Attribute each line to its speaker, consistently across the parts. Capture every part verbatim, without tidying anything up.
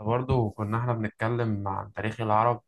Speaker 1: برضه كنا احنا بنتكلم عن تاريخ العرب.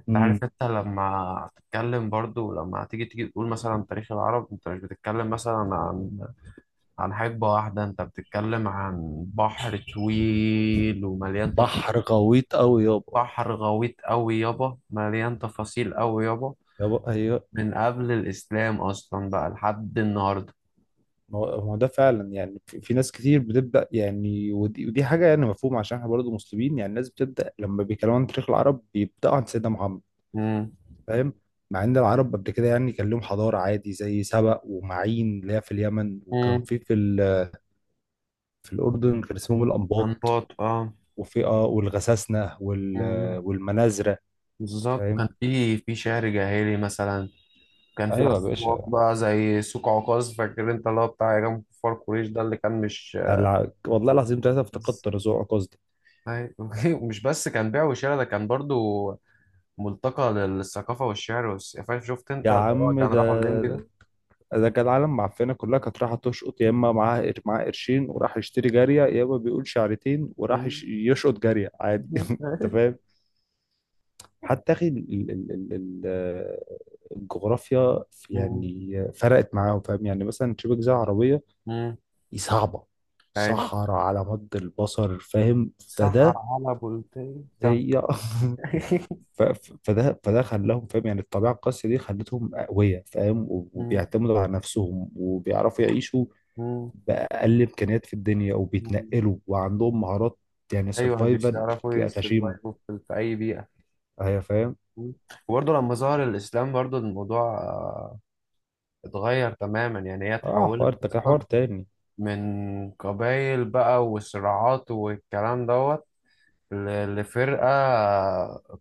Speaker 1: انت عارف،
Speaker 2: امم
Speaker 1: انت لما تتكلم برضه لما تيجي تيجي تقول مثلا تاريخ العرب، انت مش بتتكلم مثلا عن عن حقبة واحدة، انت بتتكلم عن بحر طويل ومليان تف...
Speaker 2: بحر غويط قوي يابا.
Speaker 1: بحر غويط قوي يابا، مليان تفاصيل قوي يابا،
Speaker 2: يابا، هي
Speaker 1: من قبل الإسلام أصلا بقى لحد النهاردة.
Speaker 2: ما هو ما هو ده فعلا. يعني في, في ناس كتير بتبدا، يعني ودي, ودي حاجه يعني مفهومه، عشان احنا برضه مسلمين. يعني الناس بتبدا لما بيتكلموا عن تاريخ العرب بيبداوا عن سيدنا محمد.
Speaker 1: مم.
Speaker 2: فاهم؟ مع ان العرب قبل كده يعني كان لهم حضاره عادي، زي سبأ ومعين اللي هي في اليمن، وكان
Speaker 1: مم.
Speaker 2: في في ال- في الاردن كان اسمهم الانباط.
Speaker 1: أنباط، اه.
Speaker 2: وفي اه والغساسنه وال
Speaker 1: مم.
Speaker 2: والمنازره.
Speaker 1: بالظبط،
Speaker 2: فاهم؟
Speaker 1: كان في في شعر جاهلي مثلا، كان في
Speaker 2: ايوه يا
Speaker 1: أصوات
Speaker 2: باشا.
Speaker 1: بقى زي سوق عكاظ، فاكر أنت اللي هو بتاع إمام كفار قريش ده اللي كان مش
Speaker 2: يعني الع- والله العظيم ثلاثه
Speaker 1: بس-
Speaker 2: افتقدت رزوع قصدي.
Speaker 1: أيوة. مش بس كان بيع وشراء، ده كان برضو ملتقى للثقافة والشعر والس- فاهم؟ شفت أنت
Speaker 2: يا
Speaker 1: اللي هو
Speaker 2: عم
Speaker 1: كان
Speaker 2: ده،
Speaker 1: راحوا الليمبي ده؟
Speaker 2: ده كان العالم معفنه كلها كانت رايحه تشقط، يا اما معاها قر- معاه قرشين وراح يشتري جاريه، يا اما بيقول شعرتين وراح
Speaker 1: مم.
Speaker 2: يش- يشقط جاريه عادي. انت فاهم؟ حتى اخي ال- ال- ال- ال- آه، الجغرافيا في-
Speaker 1: مم.
Speaker 2: يعني فرقت معاهم. فاهم يعني مثلا شبه جزيره عربيه
Speaker 1: مم.
Speaker 2: دي صعبه،
Speaker 1: أي.
Speaker 2: صحراء على مد البصر. فاهم؟
Speaker 1: سحر
Speaker 2: فده
Speaker 1: على بولتين تم.
Speaker 2: زي ف- ف- فده فده خلاهم. فاهم يعني الطبيعه القاسيه دي خلتهم اقوياء. فاهم؟
Speaker 1: مم.
Speaker 2: وبيعتمدوا على نفسهم وبيعرفوا يعيشوا
Speaker 1: مم.
Speaker 2: بأقل إمكانيات في الدنيا،
Speaker 1: مم.
Speaker 2: وبيتنقلوا وعندهم مهارات. يعني
Speaker 1: أيوه،
Speaker 2: سرفايفل
Speaker 1: بيعرفوا
Speaker 2: غشيمة.
Speaker 1: يسرفايفوا في في أي بيئة.
Speaker 2: أيوة فاهم.
Speaker 1: مم. وبرضه لما ظهر الإسلام برضه الموضوع آه، اتغير تماما. يعني هي
Speaker 2: اه،
Speaker 1: اتحولت
Speaker 2: حوار ده
Speaker 1: اصلا
Speaker 2: حوار تاني.
Speaker 1: من قبايل بقى وصراعات والكلام دوت ل- لفرقة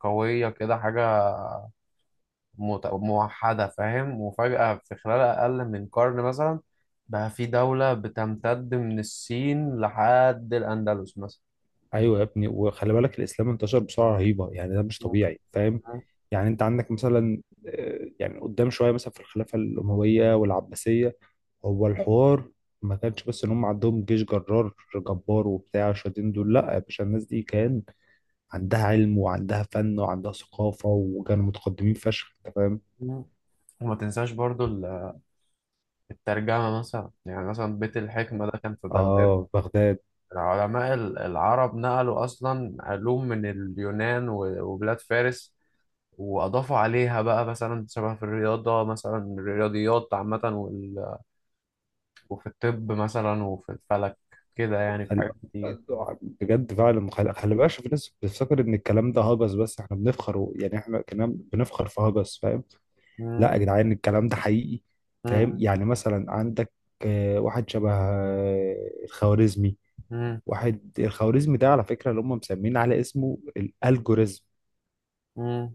Speaker 1: قوية كده، حاجة مت- موحدة، فاهم؟ وفجأة في خلال أقل من قرن مثلا بقى في دولة بتمتد من الصين لحد الأندلس مثلا.
Speaker 2: ايوه يا ابني، وخلي بالك الاسلام انتشر بسرعه رهيبه. يعني ده مش طبيعي. فاهم يعني انت عندك مثلا، آه، يعني قدام شويه مثلا، في الخلافه الامويه والعباسيه. هو الحوار ما كانش بس ان هم عندهم جيش جرار جبار وبتاع شادين دول. لا يا باشا، الناس دي كان عندها علم وعندها فن وعندها ثقافه، وكانوا متقدمين فشخ. انت فاهم؟
Speaker 1: مم. وما تنساش برضو ال- الترجمة مثلا، يعني مثلا بيت الحكمة ده كان في بغداد.
Speaker 2: اه، بغداد.
Speaker 1: العلماء ال- العرب نقلوا أصلا علوم من اليونان و- وبلاد فارس، وأضافوا عليها بقى، مثلا شبه في الرياضة، مثلا الرياضيات عامة وال- وفي الطب مثلا وفي الفلك كده، يعني في
Speaker 2: خل...
Speaker 1: حاجات كتير.
Speaker 2: بجد فعلا خل... خلي بالك، عشان في ناس بتفتكر ان الكلام ده هجس، بس احنا بنفخر و... يعني احنا كنا بنفخر في هجس. فاهم؟
Speaker 1: مم،
Speaker 2: لا يا جدعان، الكلام ده حقيقي. فاهم
Speaker 1: مم،
Speaker 2: يعني مثلا عندك آه، واحد شبه آه، الخوارزمي.
Speaker 1: مم،
Speaker 2: واحد الخوارزمي ده على فكره، اللي هم مسمين على اسمه الالجوريزم.
Speaker 1: مم.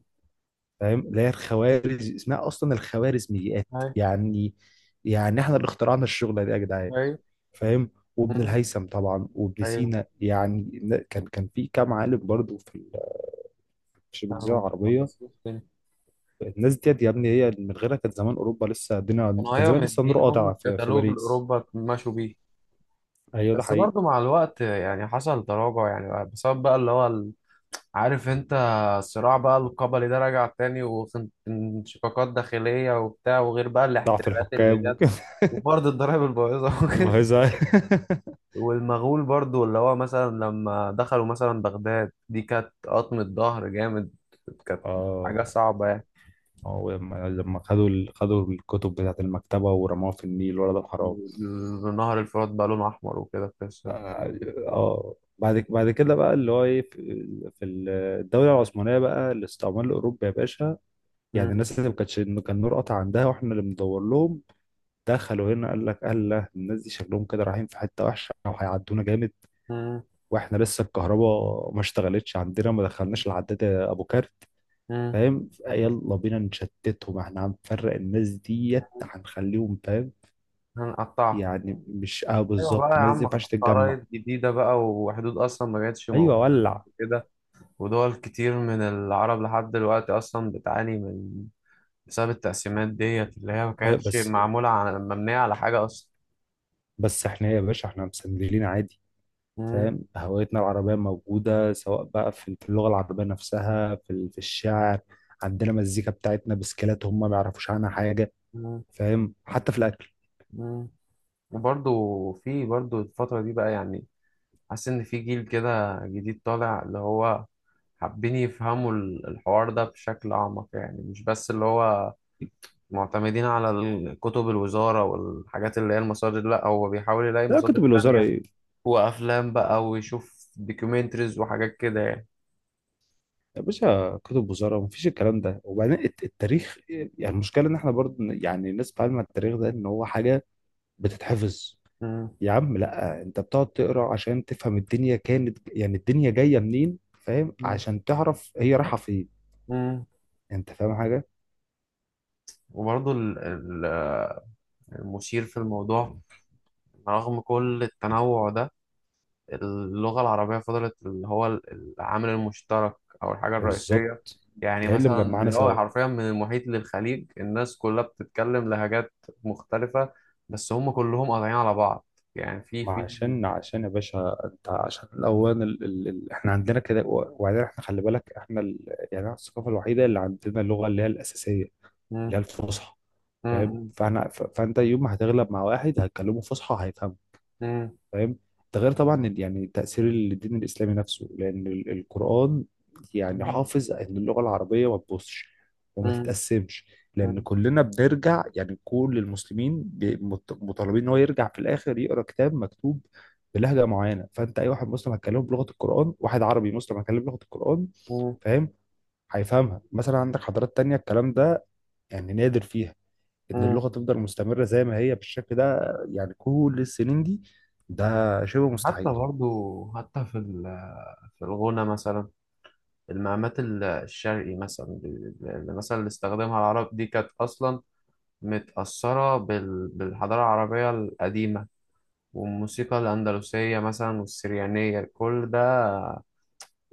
Speaker 2: فاهم؟ اللي هي الخوارز اسمها اصلا الخوارزميات.
Speaker 1: أيوه.
Speaker 2: يعني، يعني احنا اللي اخترعنا الشغله دي يا جدعان.
Speaker 1: أيوه.
Speaker 2: فاهم؟ وابن
Speaker 1: مم،
Speaker 2: الهيثم طبعا وابن
Speaker 1: أيوه.
Speaker 2: سينا، يعني ن- كان كان في كام عالم برضو في ال- في الجزيره
Speaker 1: كانوا
Speaker 2: العربيه.
Speaker 1: مخلصين الدنيا.
Speaker 2: الناس ديت يا ابني، هي من غيرها كانت زمان اوروبا لسه الدنيا،
Speaker 1: كانوا،
Speaker 2: كان
Speaker 1: أيوه،
Speaker 2: زمان لسه النور
Speaker 1: مدين هم
Speaker 2: قاطع في, في
Speaker 1: الكتالوج
Speaker 2: باريس.
Speaker 1: لأوروبا مشوا بيه.
Speaker 2: ايوه، ده
Speaker 1: بس
Speaker 2: حقيقي.
Speaker 1: برضو مع الوقت يعني حصل تراجع، يعني بسبب بقى اللي هو، عارف انت، الصراع بقى القبلي ده رجع تاني، وانشقاقات داخلية وبتاع، وغير بقى
Speaker 2: ضعف
Speaker 1: الاحتلالات اللي
Speaker 2: الحكام
Speaker 1: جت،
Speaker 2: وكده.
Speaker 1: وفرض الضرائب البايظة وكده،
Speaker 2: المهزة.
Speaker 1: والمغول برضو اللي هو مثلا لما دخلوا مثلا بغداد، دي كانت قطمة ظهر جامد، كانت حاجة
Speaker 2: اه،
Speaker 1: صعبة يعني،
Speaker 2: هو لما لما خدوا ال- خدوا الكتب بتاعت المكتبة ورموها في النيل، ولا ده حرام؟
Speaker 1: نهر الفرات بقى لونه أحمر وكده قصة.
Speaker 2: اه. آه. بعد ك- بعد كده بقى اللي هو ايه، في في الدولة العثمانية بقى الاستعمار الأوروبي يا باشا. يعني الناس اللي ما كانتش، انه كان نور قطع عندها واحنا اللي بندور لهم، دخلوا هنا قال لك الله الناس دي شكلهم كده رايحين في حته وحشه او هيعدونا جامد. واحنا لسه الكهرباء ما اشتغلتش عندنا، ما دخلناش العداد ابو كارت. فاهم؟ يلا بينا نشتتهم، احنا هنفرق الناس ديت، هنخليهم فاهم.
Speaker 1: هنقطعها.
Speaker 2: يعني مش، اه
Speaker 1: أيوة بقى يا
Speaker 2: بالظبط، الناس دي ما
Speaker 1: عم، خ-
Speaker 2: ينفعش تتجمع.
Speaker 1: خرايط جديدة بقى، وحدود أصلا ما كانتش
Speaker 2: ايوه،
Speaker 1: موجودة قبل
Speaker 2: ولع.
Speaker 1: كده، ودول كتير من العرب لحد دلوقتي أصلا بتعاني من، بسبب التقسيمات ديت اللي هي ما
Speaker 2: أيوة
Speaker 1: كانتش
Speaker 2: بس،
Speaker 1: معمولة على، مبنية على حاجة أصلا.
Speaker 2: بس احنا إيه يا باشا، احنا مسندلين عادي.
Speaker 1: مم.
Speaker 2: فاهم؟ هويتنا العربية موجودة، سواء بقى في في اللغة العربية نفسها، في ال- في الشعر. عندنا مزيكا بتاعتنا بسكيلات هم ما يعرفوش عنها حاجة.
Speaker 1: مم.
Speaker 2: فاهم؟ حتى في الأكل.
Speaker 1: مم. وبرضو في برضو الفترة دي بقى، يعني حاسس إن في جيل كده جديد طالع، اللي هو حابين يفهموا ال- الحوار ده بشكل أعمق، يعني مش بس اللي هو معتمدين على ال- كتب الوزارة والحاجات اللي هي المصادر، لا هو بيحاول يلاقي
Speaker 2: لا،
Speaker 1: مصادر
Speaker 2: كتب الوزارة
Speaker 1: تانية،
Speaker 2: إيه؟
Speaker 1: وافلام بقى، ويشوف دوكيومنتريز وحاجات كده يعني.
Speaker 2: يا باشا كتب وزارة مفيش الكلام ده. وبعدين الت- التاريخ إيه؟ يعني المشكلة إن إحنا برضه ن- يعني الناس بتتعلم التاريخ ده إن هو حاجة بتتحفظ.
Speaker 1: مم.
Speaker 2: يا عم لا، أنت بتقعد تقرأ عشان تفهم الدنيا كانت، يعني الدنيا جاية منين، فاهم
Speaker 1: مم.
Speaker 2: عشان تعرف هي رايحة فين.
Speaker 1: مم.
Speaker 2: أنت فاهم حاجة؟
Speaker 1: وبرضه ال- ال- المثير في الموضوع، رغم كل التنوع ده، اللغة العربية فضلت اللي هو ال- العامل المشترك، أو الحاجة الرئيسية.
Speaker 2: بالظبط.
Speaker 1: يعني
Speaker 2: هي اللي
Speaker 1: مثلا
Speaker 2: مجمعانا
Speaker 1: اللي هو
Speaker 2: سوا.
Speaker 1: حرفيا من المحيط للخليج الناس كلها بتتكلم لهجات مختلفة، بس هم كلهم قاطعين على بعض، يعني في
Speaker 2: ما
Speaker 1: في
Speaker 2: عشان، عشان يا باشا انت، عشان الاوان ال... ال... ال... احنا عندنا كده و- وبعدين احنا خلي بالك احنا ال... يعني احنا الثقافه الوحيده اللي عندنا اللغه اللي هي الاساسيه،
Speaker 1: مم.
Speaker 2: اللي هي الفصحى. فاهم؟
Speaker 1: مم.
Speaker 2: فاحنا ف... فانت يوم ما هتغلب مع واحد هتكلمه فصحى هيفهمك.
Speaker 1: مم.
Speaker 2: فاهم؟ ده غير طبعا ال- يعني تأثير الدين الإسلامي نفسه، لأن ال- القرآن يعني
Speaker 1: مم.
Speaker 2: حافظ إن اللغة العربية ما تبصش وما
Speaker 1: مم.
Speaker 2: تتقسمش، لأن
Speaker 1: مم.
Speaker 2: كلنا بنرجع. يعني كل المسلمين بي- مط- مطالبين إن هو يرجع في الآخر يقرأ كتاب مكتوب بلهجة معينة. فأنت أي واحد مسلم هتكلمه بلغة القرآن، واحد عربي مسلم هتكلمه بلغة القرآن.
Speaker 1: مم.
Speaker 2: فاهم؟ هيفهمها. مثلا عندك حضارات تانية، الكلام ده يعني نادر فيها، ان
Speaker 1: مم.
Speaker 2: اللغه تفضل مستمره زي ما هي بالشكل ده، يعني كل السنين دي. ده شبه
Speaker 1: حتى
Speaker 2: مستحيل.
Speaker 1: برضو، حتى في ال- في الغنى مثلا، المقامات ال- الشرقي مثلا، اللي مثلا اللي استخدمها العرب دي كانت أصلا متأثرة بال- بالحضارة العربية القديمة، والموسيقى الأندلسية مثلا، والسريانية، كل ده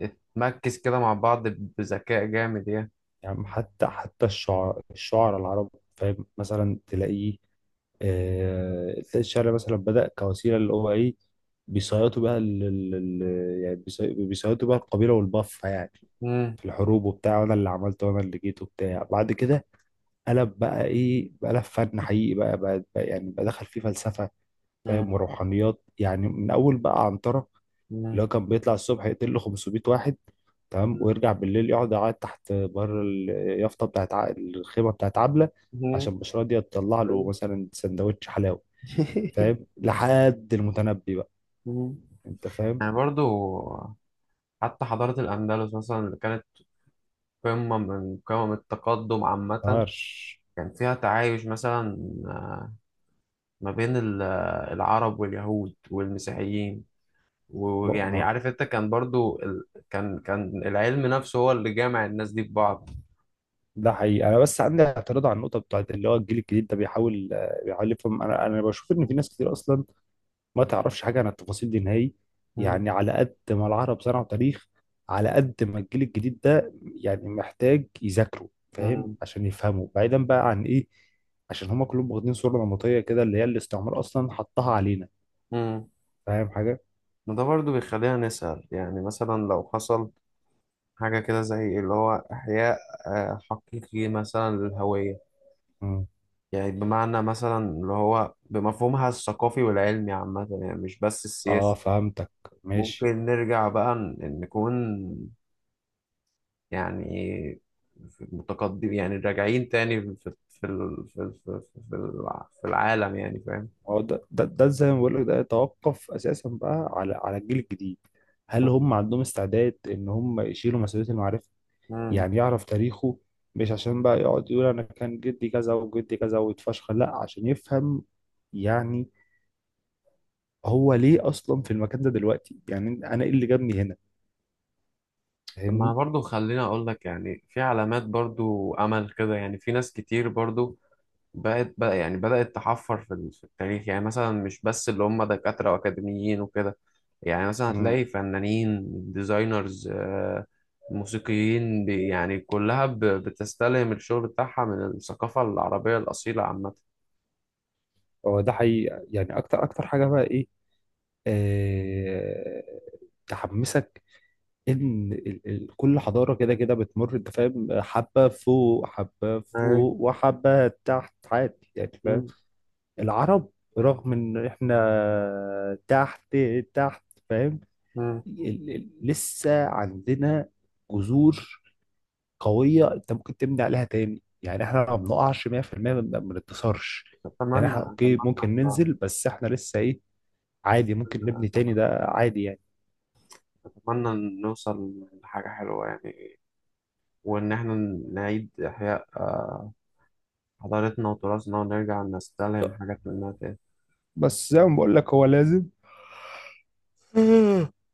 Speaker 1: اتمكس كده مع بعض بذكاء جامد يعني.
Speaker 2: يعني حتى حتى الشعراء الشعراء العرب، فاهم مثلا تلاقيه. آه، تلاقي الشعر مثلا بدأ كوسيله اللي هو ايه، بيصيطوا بها ال- ال- ال- يعني بيصي- بيصيطوا بها القبيله والبفه، يعني
Speaker 1: مم.
Speaker 2: في الحروب وبتاع، وانا اللي عملته وانا اللي جيت وبتاع. بعد كده قلب بقى ايه، بقى قلب فن حقيقي، بقى, بقى, بقى يعني بقى دخل فيه فلسفه.
Speaker 1: مم.
Speaker 2: فاهم؟ وروحانيات. يعني من اول بقى عنترة، اللي
Speaker 1: مم.
Speaker 2: هو كان بيطلع الصبح يقتل له خمسمية واحد. تمام.
Speaker 1: مم.
Speaker 2: ويرجع بالليل يقعد يعيط تحت بره اليافطه بتاعت ع- الخيمه بتاعت عبله،
Speaker 1: مم.
Speaker 2: عشان مش راضيه تطلع له مثلا سندوتش حلاوه. فاهم؟ لحد المتنبي بقى.
Speaker 1: مم.
Speaker 2: انت فاهم؟
Speaker 1: يعني برضو حتى حضارة الأندلس مثلا اللي كانت قمة من قمم التقدم عامة،
Speaker 2: طرش.
Speaker 1: كان فيها تعايش مثلا آه، ما بين ال- آه، العرب واليهود والمسيحيين،
Speaker 2: بق-
Speaker 1: ويعني
Speaker 2: ما
Speaker 1: عارف انت، كان برضو ال... كان كان العلم نفسه هو اللي جامع الناس دي ببعض.
Speaker 2: ده حقيقي. انا بس عندي اعتراض على النقطه بتاعت اللي هو الجيل الجديد ده، بيحاول، آه، بيحاول يفهم. انا انا بشوف ان في
Speaker 1: مم.
Speaker 2: ناس كتير اصلا ما تعرفش حاجة عن التفاصيل دي نهائي.
Speaker 1: مم.
Speaker 2: يعني على قد ما العرب صنعوا تاريخ، على قد ما الجيل الجديد ده يعني محتاج يذاكروا. فاهم؟
Speaker 1: مم.
Speaker 2: عشان يفهموا بعيدا بقى عن ايه، عشان هما كلهم واخدين صورة نمطية كده اللي هي الاستعمار أصلا حطها علينا.
Speaker 1: مم.
Speaker 2: فاهم حاجة؟
Speaker 1: وده برضو بيخلينا نسأل، يعني مثلا لو حصل حاجة كده زي اللي هو إحياء آه، حقيقي مثلا للهوية،
Speaker 2: مم.
Speaker 1: يعني بمعنى مثلا اللي هو بمفهومها الثقافي والعلمي عامة، يعني مش بس
Speaker 2: اه،
Speaker 1: السياسي.
Speaker 2: فهمتك. ماشي.
Speaker 1: ممكن نرجع بقى ن- نكون يعني في- متقدم، يعني راجعين تاني في في ال- في ال- في في الع- في العالم يعني، فاهم؟
Speaker 2: ما هو ده ده, ده زي ما بقول لك، ده يتوقف أساسا بقى على على الجيل الجديد. هل هم عندهم استعداد إن هم يشيلوا مسؤولية المعرفة،
Speaker 1: مم.
Speaker 2: يعني يعرف تاريخه؟ مش عشان بقى يقعد يقول انا كان جدي كذا وجدي كذا ويتفشخر، لا عشان يفهم. يعني هو ليه اصلا في المكان ده دلوقتي، يعني انا ايه اللي جابني هنا.
Speaker 1: طب، ما
Speaker 2: فاهمني؟
Speaker 1: برضو خليني اقول لك، يعني في علامات برضو امل كده، يعني في ناس كتير برضو بقت بقى، يعني بدأت تحفر في ال- في التاريخ، يعني مثلا مش بس اللي هم دكاترة وأكاديميين وكده، يعني مثلا
Speaker 2: امم
Speaker 1: هتلاقي فنانين، ديزاينرز، آه، موسيقيين، بي- يعني كلها ب- بتستلهم الشغل بتاعها من الثقافة العربية الأصيلة عامة.
Speaker 2: هو ده حقيقي. يعني اكتر اكتر حاجه بقى ايه، آه... تحمسك، ان ال... ال... كل حضاره كده كده بتمر. انت فاهم؟ حبه فوق حبه
Speaker 1: أي.
Speaker 2: فوق وحبه تحت، عادي يعني. فاهم؟
Speaker 1: مم.
Speaker 2: العرب، رغم ان احنا تحت، تحت، فاهم،
Speaker 1: مم.
Speaker 2: ال- ال- لسه عندنا جذور قوية، انت ممكن تبني عليها تاني. يعني احنا ما بنقعش مية في المية، ما ما بنتكسرش. يعني
Speaker 1: أتمنى،
Speaker 2: احنا
Speaker 1: أتمنى.
Speaker 2: اوكي، ممكن
Speaker 1: إحنا
Speaker 2: ننزل بس احنا لسه ايه. عادي، ممكن نبني تاني، ده عادي يعني.
Speaker 1: أتمنى نوصل لحاجة حلوة يعني، وإن إحنا نعيد إحياء آه، حضارتنا وتراثنا، ونرجع نستلهم حاجات منها تاني.
Speaker 2: بس زي ما بقول لك هو لازم.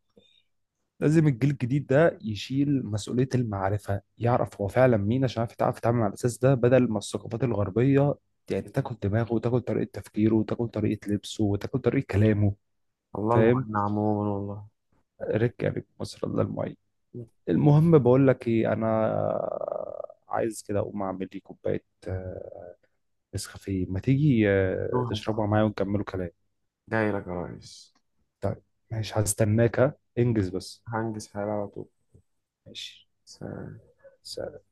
Speaker 2: لازم الجيل الجديد ده يشيل مسؤولية المعرفة، يعرف هو فعلا مين، عشان يعرف يتعرف يتعامل على الأساس ده، بدل ما الثقافات الغربية يعني تاكل دماغه وتاكل طريقة تفكيره وتاكل طريقة لبسه وتاكل طريقة كلامه.
Speaker 1: الله
Speaker 2: فاهم؟
Speaker 1: المعين عموما، والله.
Speaker 2: ركة رك مصر الله المعين. المهم بقول لك ايه، انا عايز كده اقوم اعمل لي كوبايه آه، نسكافيه. ما تيجي آه،
Speaker 1: مكتوب صعب.
Speaker 2: تشربها معايا ونكملوا كلام.
Speaker 1: جاي لك يا ريس.
Speaker 2: طيب، ماشي هستناك، ها انجز بس.
Speaker 1: هنجز حالي على طول.
Speaker 2: ماشي.
Speaker 1: سلام.
Speaker 2: سلام.